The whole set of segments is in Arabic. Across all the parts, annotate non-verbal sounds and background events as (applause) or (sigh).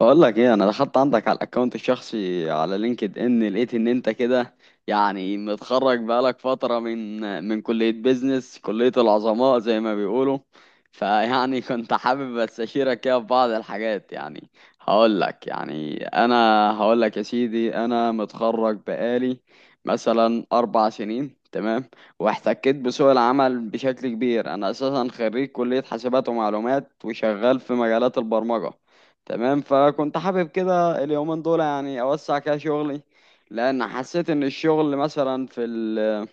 بقول لك ايه، انا دخلت عندك على الاكونت الشخصي على لينكد ان، لقيت ان انت كده متخرج بقالك فتره من كليه بيزنس، كليه العظماء زي ما بيقولوا. (laughs) كنت حابب استشيرك كده في بعض الحاجات هقول لك يا سيدي، انا متخرج بقالي مثلا 4 سنين، تمام. واحتكيت بسوق العمل بشكل كبير. انا اساسا خريج كليه حاسبات ومعلومات، وشغال في مجالات البرمجه، تمام. فكنت حابب كده اليومين دول اوسع كده شغلي، لان حسيت ان الشغل مثلا في ال...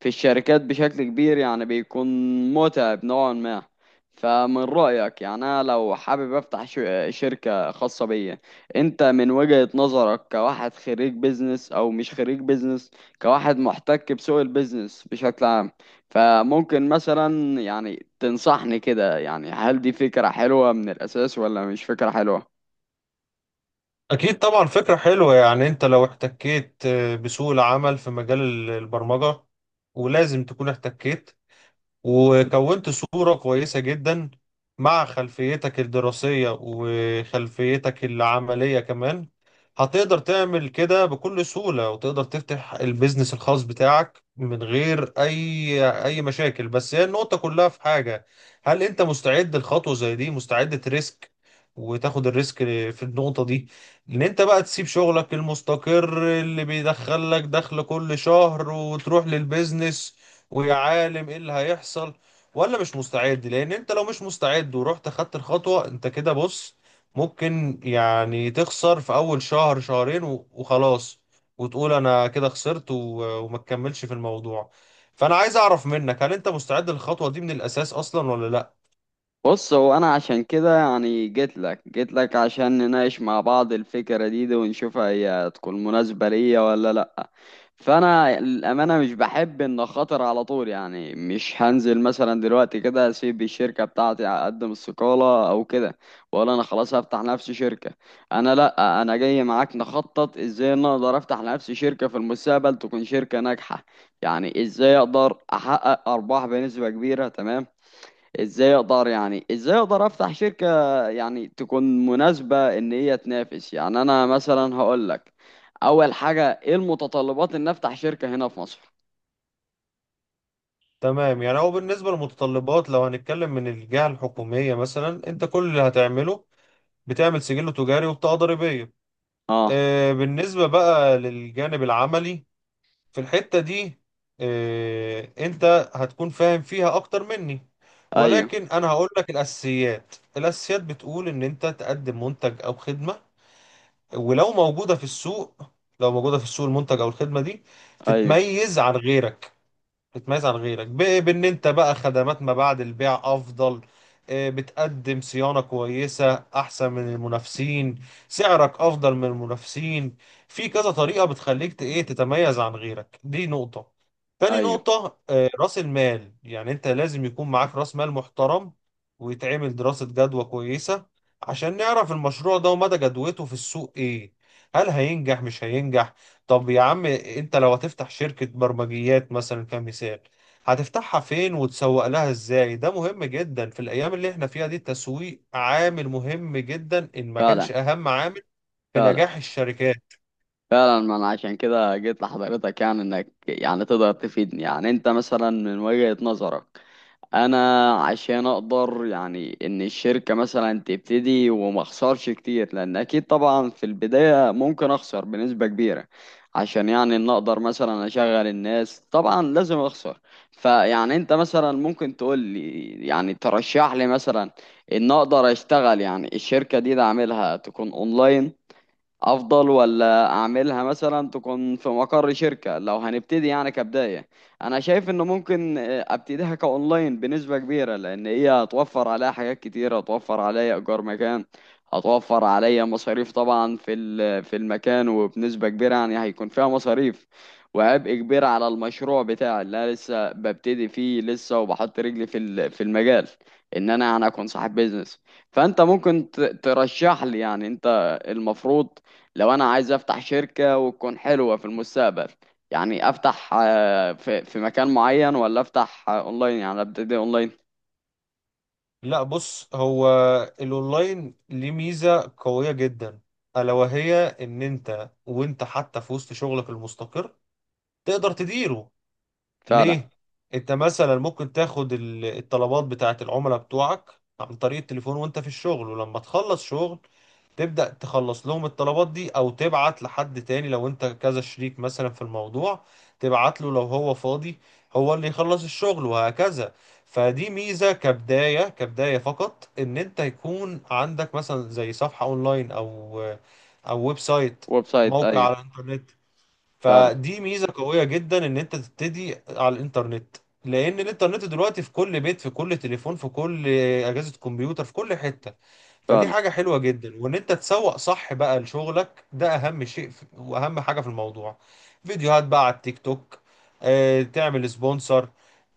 في الشركات بشكل كبير بيكون متعب نوعا ما. فمن رأيك، انا لو حابب افتح شركة خاصة بيا، انت من وجهة نظرك كواحد خريج بيزنس او مش خريج بيزنس، كواحد محتك بسوق البيزنس بشكل عام، فممكن مثلا تنصحني كده، هل دي فكرة حلوة من الأساس ولا مش فكرة حلوة؟ أكيد طبعا فكرة حلوة، يعني أنت لو احتكيت بسوق العمل في مجال البرمجة، ولازم تكون احتكيت وكونت صورة كويسة جدا مع خلفيتك الدراسية وخلفيتك العملية كمان. هتقدر تعمل كده بكل سهولة وتقدر تفتح البيزنس الخاص بتاعك من غير أي مشاكل، بس هي النقطة كلها في حاجة: هل أنت مستعد لخطوة زي دي؟ مستعد تريسك وتاخد الريسك في النقطة دي، ان انت بقى تسيب شغلك المستقر اللي بيدخل لك دخل كل شهر وتروح للبيزنس ويا عالم ايه اللي هيحصل، ولا مش مستعد؟ لان انت لو مش مستعد ورحت اخدت الخطوة انت كده، بص، ممكن يعني تخسر في اول شهر شهرين وخلاص، وتقول انا كده خسرت وما تكملش في الموضوع. فانا عايز اعرف منك، هل انت مستعد للخطوة دي من الاساس اصلا ولا لا؟ بص، هو انا عشان كده جيت لك عشان نناقش مع بعض الفكرة دي، ونشوفها هي تكون مناسبة ليا ولا لا. فانا الامانة مش بحب ان خاطر على طول، مش هنزل مثلا دلوقتي كده اسيب الشركة بتاعتي، اقدم استقالة او كده، واقول انا خلاص هفتح لنفسي شركة. انا لا، انا جاي معاك نخطط ازاي إن أنا اقدر افتح لنفسي شركة في المستقبل تكون شركة ناجحة. ازاي اقدر احقق ارباح بنسبة كبيرة، تمام. ازاي اقدر افتح شركة تكون مناسبة ان هي تنافس. انا مثلا هقول لك، اول حاجة ايه المتطلبات ان افتح شركة هنا في مصر؟ تمام. يعني هو بالنسبة للمتطلبات، لو هنتكلم من الجهة الحكومية مثلا، انت كل اللي هتعمله بتعمل سجل تجاري وبطاقة ضريبية. اه. بالنسبة بقى للجانب العملي في الحتة دي، انت هتكون فاهم فيها اكتر مني، ايوه. ولكن انا هقول لك الاساسيات. الاساسيات بتقول ان انت تقدم منتج او خدمة، ولو موجودة في السوق، لو موجودة في السوق المنتج او الخدمة دي ايوه. تتميز عن غيرك. بتميز عن غيرك بان انت بقى خدمات ما بعد البيع افضل، بتقدم صيانة كويسة احسن من المنافسين، سعرك افضل من المنافسين. في كذا طريقة بتخليك ت- ايه تتميز عن غيرك، دي نقطة. تاني ايوه. نقطة، راس المال، يعني انت لازم يكون معاك راس مال محترم، ويتعمل دراسة جدوى كويسة عشان نعرف المشروع ده ومدى جدوته في السوق ايه، هل هينجح مش هينجح. طب يا عم انت لو هتفتح شركة برمجيات مثلا كمثال، هتفتحها فين وتسوق لها ازاي؟ ده مهم جدا في الايام اللي احنا فيها دي، التسويق عامل مهم جدا ان ما فعلا. كانش اهم عامل في فعلا. نجاح الشركات. فعلا، ما انا عشان كده جيت لحضرتك، انك تقدر تفيدني. انت مثلا من وجهة نظرك، انا عشان اقدر ان الشركة مثلا تبتدي وما اخسرش كتير، لان اكيد طبعا في البداية ممكن اخسر بنسبة كبيرة عشان ان اقدر مثلا اشغل الناس، طبعا لازم اخسر. انت مثلا ممكن تقول لي، ترشح لي مثلا ان اقدر اشتغل الشركة دي، ده اعملها تكون اونلاين افضل، ولا اعملها مثلا تكون في مقر شركة لو هنبتدي كبداية. انا شايف انه ممكن ابتديها كاونلاين بنسبة كبيرة، لان هي هتوفر عليا حاجات كتير، هتوفر عليا ايجار مكان، هتوفر عليا مصاريف طبعا في المكان، وبنسبة كبيرة هيكون فيها مصاريف وعبء كبير على المشروع بتاعي اللي انا لسه ببتدي فيه لسه، وبحط رجلي في المجال ان انا اكون صاحب بيزنس. فانت ممكن ترشح لي، انت المفروض، لو انا عايز افتح شركة وتكون حلوة في المستقبل، افتح في مكان معين، ولا افتح اونلاين ابتدي اونلاين؟ لا بص هو، الاونلاين ليه ميزة قوية جدا، الا وهي ان انت وانت حتى في وسط شغلك المستقر تقدر تديره. فعلا. ليه؟ انت مثلا ممكن تاخد الطلبات بتاعت العملاء بتوعك عن طريق التليفون وانت في الشغل، ولما تخلص شغل تبدأ تخلص لهم الطلبات دي، او تبعت لحد تاني لو انت كذا شريك مثلا في الموضوع، تبعت له لو هو فاضي هو اللي يخلص الشغل، وهكذا. فدي ميزة كبداية، كبداية فقط، ان انت يكون عندك مثلا زي صفحة اونلاين او او ويب سايت، ويب سايت، موقع ايوه. على الانترنت. فعلا. فدي ميزة قوية جدا ان انت تبتدي على الانترنت، لان الانترنت دلوقتي في كل بيت، في كل تليفون، في كل اجهزة كمبيوتر، في كل حتة. فدي فعلا. حاجة حلوة جدا، وان انت تسوق صح بقى لشغلك ده اهم شيء واهم حاجة في الموضوع. فيديوهات بقى على التيك توك، تعمل سبونسر،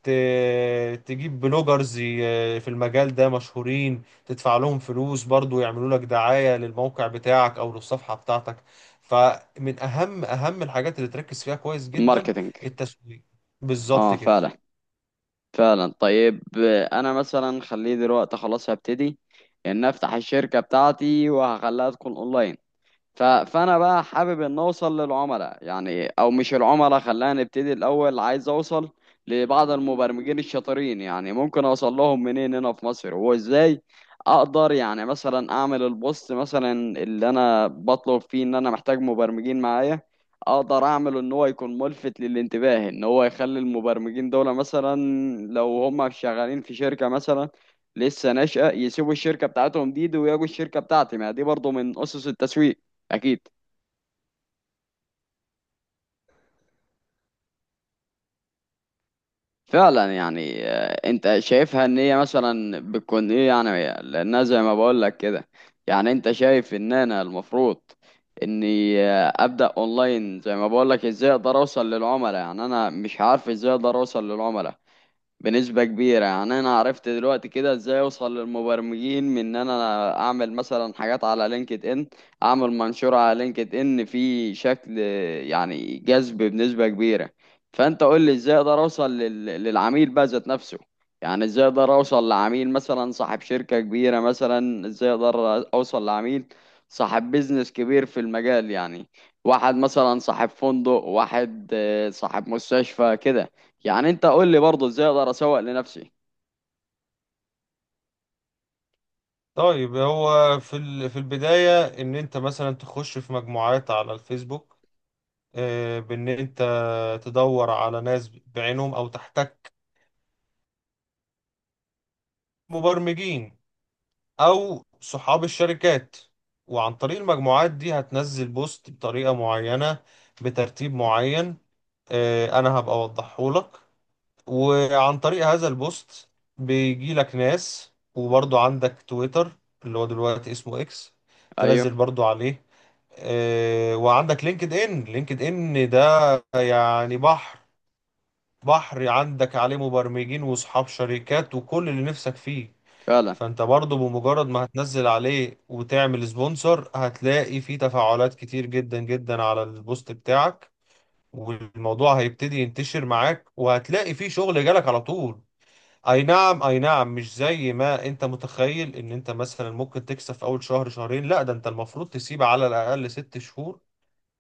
تجيب بلوجرز في المجال ده مشهورين، تدفع لهم فلوس برضو يعملوا لك دعاية للموقع بتاعك او للصفحة بتاعتك. فمن اهم الحاجات اللي تركز فيها كويس جدا الماركتينج. التسويق. بالظبط اه، كده. فعلا. فعلا، طيب. انا مثلا خليه دلوقتي خلاص، هبتدي ان افتح الشركة بتاعتي وهخليها تكون اونلاين. فانا بقى حابب ان اوصل للعملاء، او مش العملاء، خلينا نبتدي الاول. عايز اوصل لبعض المبرمجين الشاطرين، ممكن اوصل لهم منين هنا في مصر، وازاي اقدر مثلا اعمل البوست مثلا، اللي انا بطلب فيه ان انا محتاج مبرمجين معايا، اقدر اعمله ان هو يكون ملفت للانتباه، ان هو يخلي المبرمجين دول مثلا، لو هم شغالين في شركة مثلا لسه ناشئة، يسيبوا الشركة بتاعتهم دي ويجوا الشركة بتاعتي. ما دي برضو من اسس التسويق، اكيد. فعلا. انت شايفها ان هي مثلا بتكون ايه لانها زي ما بقول لك كده؟ انت شايف ان انا المفروض اني ابدا اونلاين؟ زي ما بقول لك، ازاي اقدر اوصل للعملاء؟ انا مش عارف ازاي اقدر اوصل للعملاء بنسبة كبيرة. أنا عرفت دلوقتي كده إزاي أوصل للمبرمجين، من إن أنا أعمل مثلا حاجات على لينكد إن، أعمل منشور على لينكد إن في شكل جذب بنسبة كبيرة. فأنت قول لي إزاي أقدر أوصل للعميل بقى ذات نفسه. إزاي أقدر أوصل لعميل مثلا صاحب شركة كبيرة، مثلا إزاي أقدر أوصل لعميل صاحب بيزنس كبير في المجال، واحد مثلا صاحب فندق، واحد صاحب مستشفى كده. انت قول لي برضه ازاي اقدر اسوق لنفسي. طيب هو في في البداية، إن أنت مثلا تخش في مجموعات على الفيسبوك، بإن أنت تدور على ناس بعينهم أو تحتك مبرمجين أو صحاب الشركات، وعن طريق المجموعات دي هتنزل بوست بطريقة معينة بترتيب معين، أنا هبقى أوضحهولك. وعن طريق هذا البوست بيجي لك ناس. وبرضو عندك تويتر اللي هو دلوقتي اسمه اكس، ايوه. تنزل برضو عليه. وعندك لينكد ان، لينكد ان ده يعني بحر، بحر، عندك عليه مبرمجين واصحاب شركات وكل اللي نفسك فيه. فعلا. فانت برضو بمجرد ما هتنزل عليه وتعمل سبونسر هتلاقي فيه تفاعلات كتير جدا جدا على البوست بتاعك، والموضوع هيبتدي ينتشر معاك وهتلاقي فيه شغل جالك على طول. اي نعم اي نعم، مش زي ما انت متخيل ان انت مثلا ممكن تكسب في اول شهر شهرين، لا، ده انت المفروض تسيب على الاقل 6 شهور،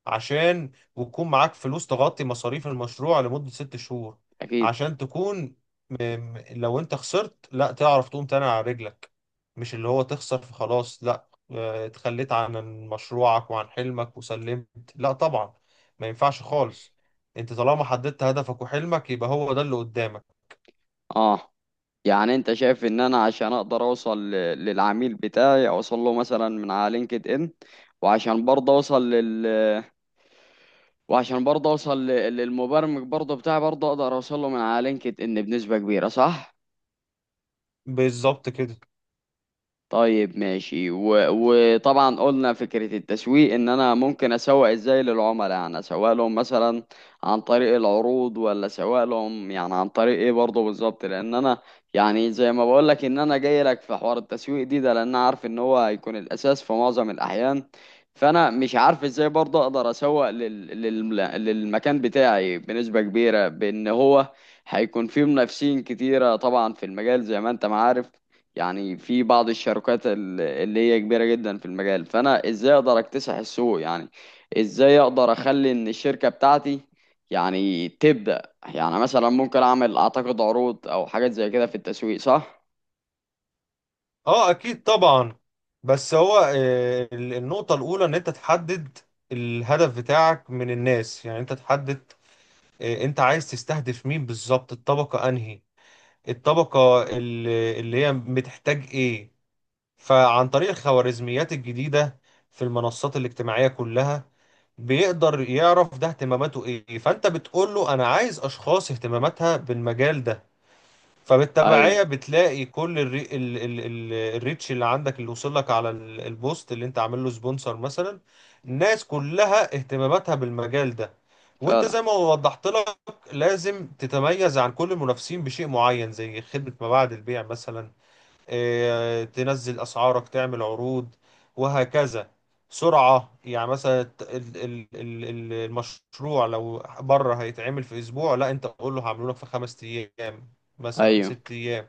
عشان وتكون معاك فلوس تغطي مصاريف المشروع لمدة 6 شهور، اكيد. عشان تكون لو انت خسرت لا تعرف تقوم تاني على رجلك. مش اللي هو تخسر فخلاص لا، اتخليت عن مشروعك وعن حلمك وسلمت، لا طبعا، ما ينفعش خالص. انت طالما حددت هدفك وحلمك يبقى هو ده اللي قدامك. اه، انت شايف ان انا عشان اقدر اوصل للعميل بتاعي، اوصل له مثلا من على لينكد ان، وعشان برضه اوصل لل، وعشان برضه اوصل للمبرمج برضه بتاعي، برضه اقدر اوصل له من على لينكد ان بنسبة كبيرة، صح؟ بالظبط كده. طيب ماشي. وطبعا قلنا فكرة التسويق، ان انا ممكن اسوق ازاي للعملاء. اسوق لهم مثلا عن طريق العروض، ولا اسوق لهم عن طريق ايه برضه بالظبط؟ لان انا زي ما بقول لك ان انا جاي لك في حوار التسويق ده لان أنا عارف ان هو هيكون الاساس في معظم الاحيان. فانا مش عارف ازاي برضه اقدر اسوق للمكان بتاعي بنسبة كبيرة، بان هو هيكون فيه منافسين كتيرة طبعا في المجال، زي ما انت ما عارف. في بعض الشركات اللي هي كبيرة جدا في المجال. فأنا إزاي أقدر أكتسح السوق؟ إزاي أقدر أخلي إن الشركة بتاعتي تبدأ؟ مثلا ممكن أعمل أعتقد عروض أو حاجات زي كده في التسويق، صح؟ اه اكيد طبعا. بس هو النقطة الاولى ان انت تحدد الهدف بتاعك من الناس، يعني انت تحدد انت عايز تستهدف مين بالظبط، الطبقة انهي، الطبقة اللي هي بتحتاج ايه. فعن طريق الخوارزميات الجديدة في المنصات الاجتماعية كلها، بيقدر يعرف ده اهتماماته ايه، فانت بتقول له انا عايز اشخاص اهتماماتها بالمجال ده. أيوه. فبالتبعية بتلاقي كل الريتش اللي عندك اللي وصل لك على البوست اللي انت عامل له سبونسر مثلا، الناس كلها اهتماماتها بالمجال ده. وانت فعلا. زي ما وضحت لك، لازم تتميز عن كل المنافسين بشيء معين زي خدمة ما بعد البيع مثلا، تنزل اسعارك، تعمل عروض، وهكذا. سرعة يعني مثلا، المشروع لو بره هيتعمل في اسبوع، لا انت قول له هعمله لك في 5 ايام، مثلا أيوه، 6 ايام.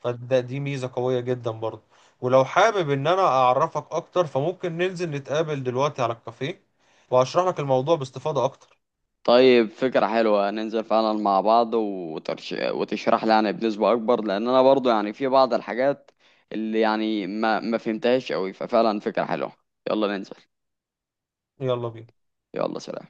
فده دي ميزة قوية جدا برضه. ولو حابب ان انا اعرفك اكتر فممكن ننزل نتقابل دلوقتي على الكافيه وهشرح لك الموضوع باستفاضة اكتر. طيب، فكرة حلوة. ننزل فعلا مع بعض وتشرح لي بنسبة أكبر، لأن أنا برضو في بعض الحاجات اللي ما فهمتهاش أوي. ففعلا فكرة حلوة، يلا ننزل. يلا بينا. يلا سلام.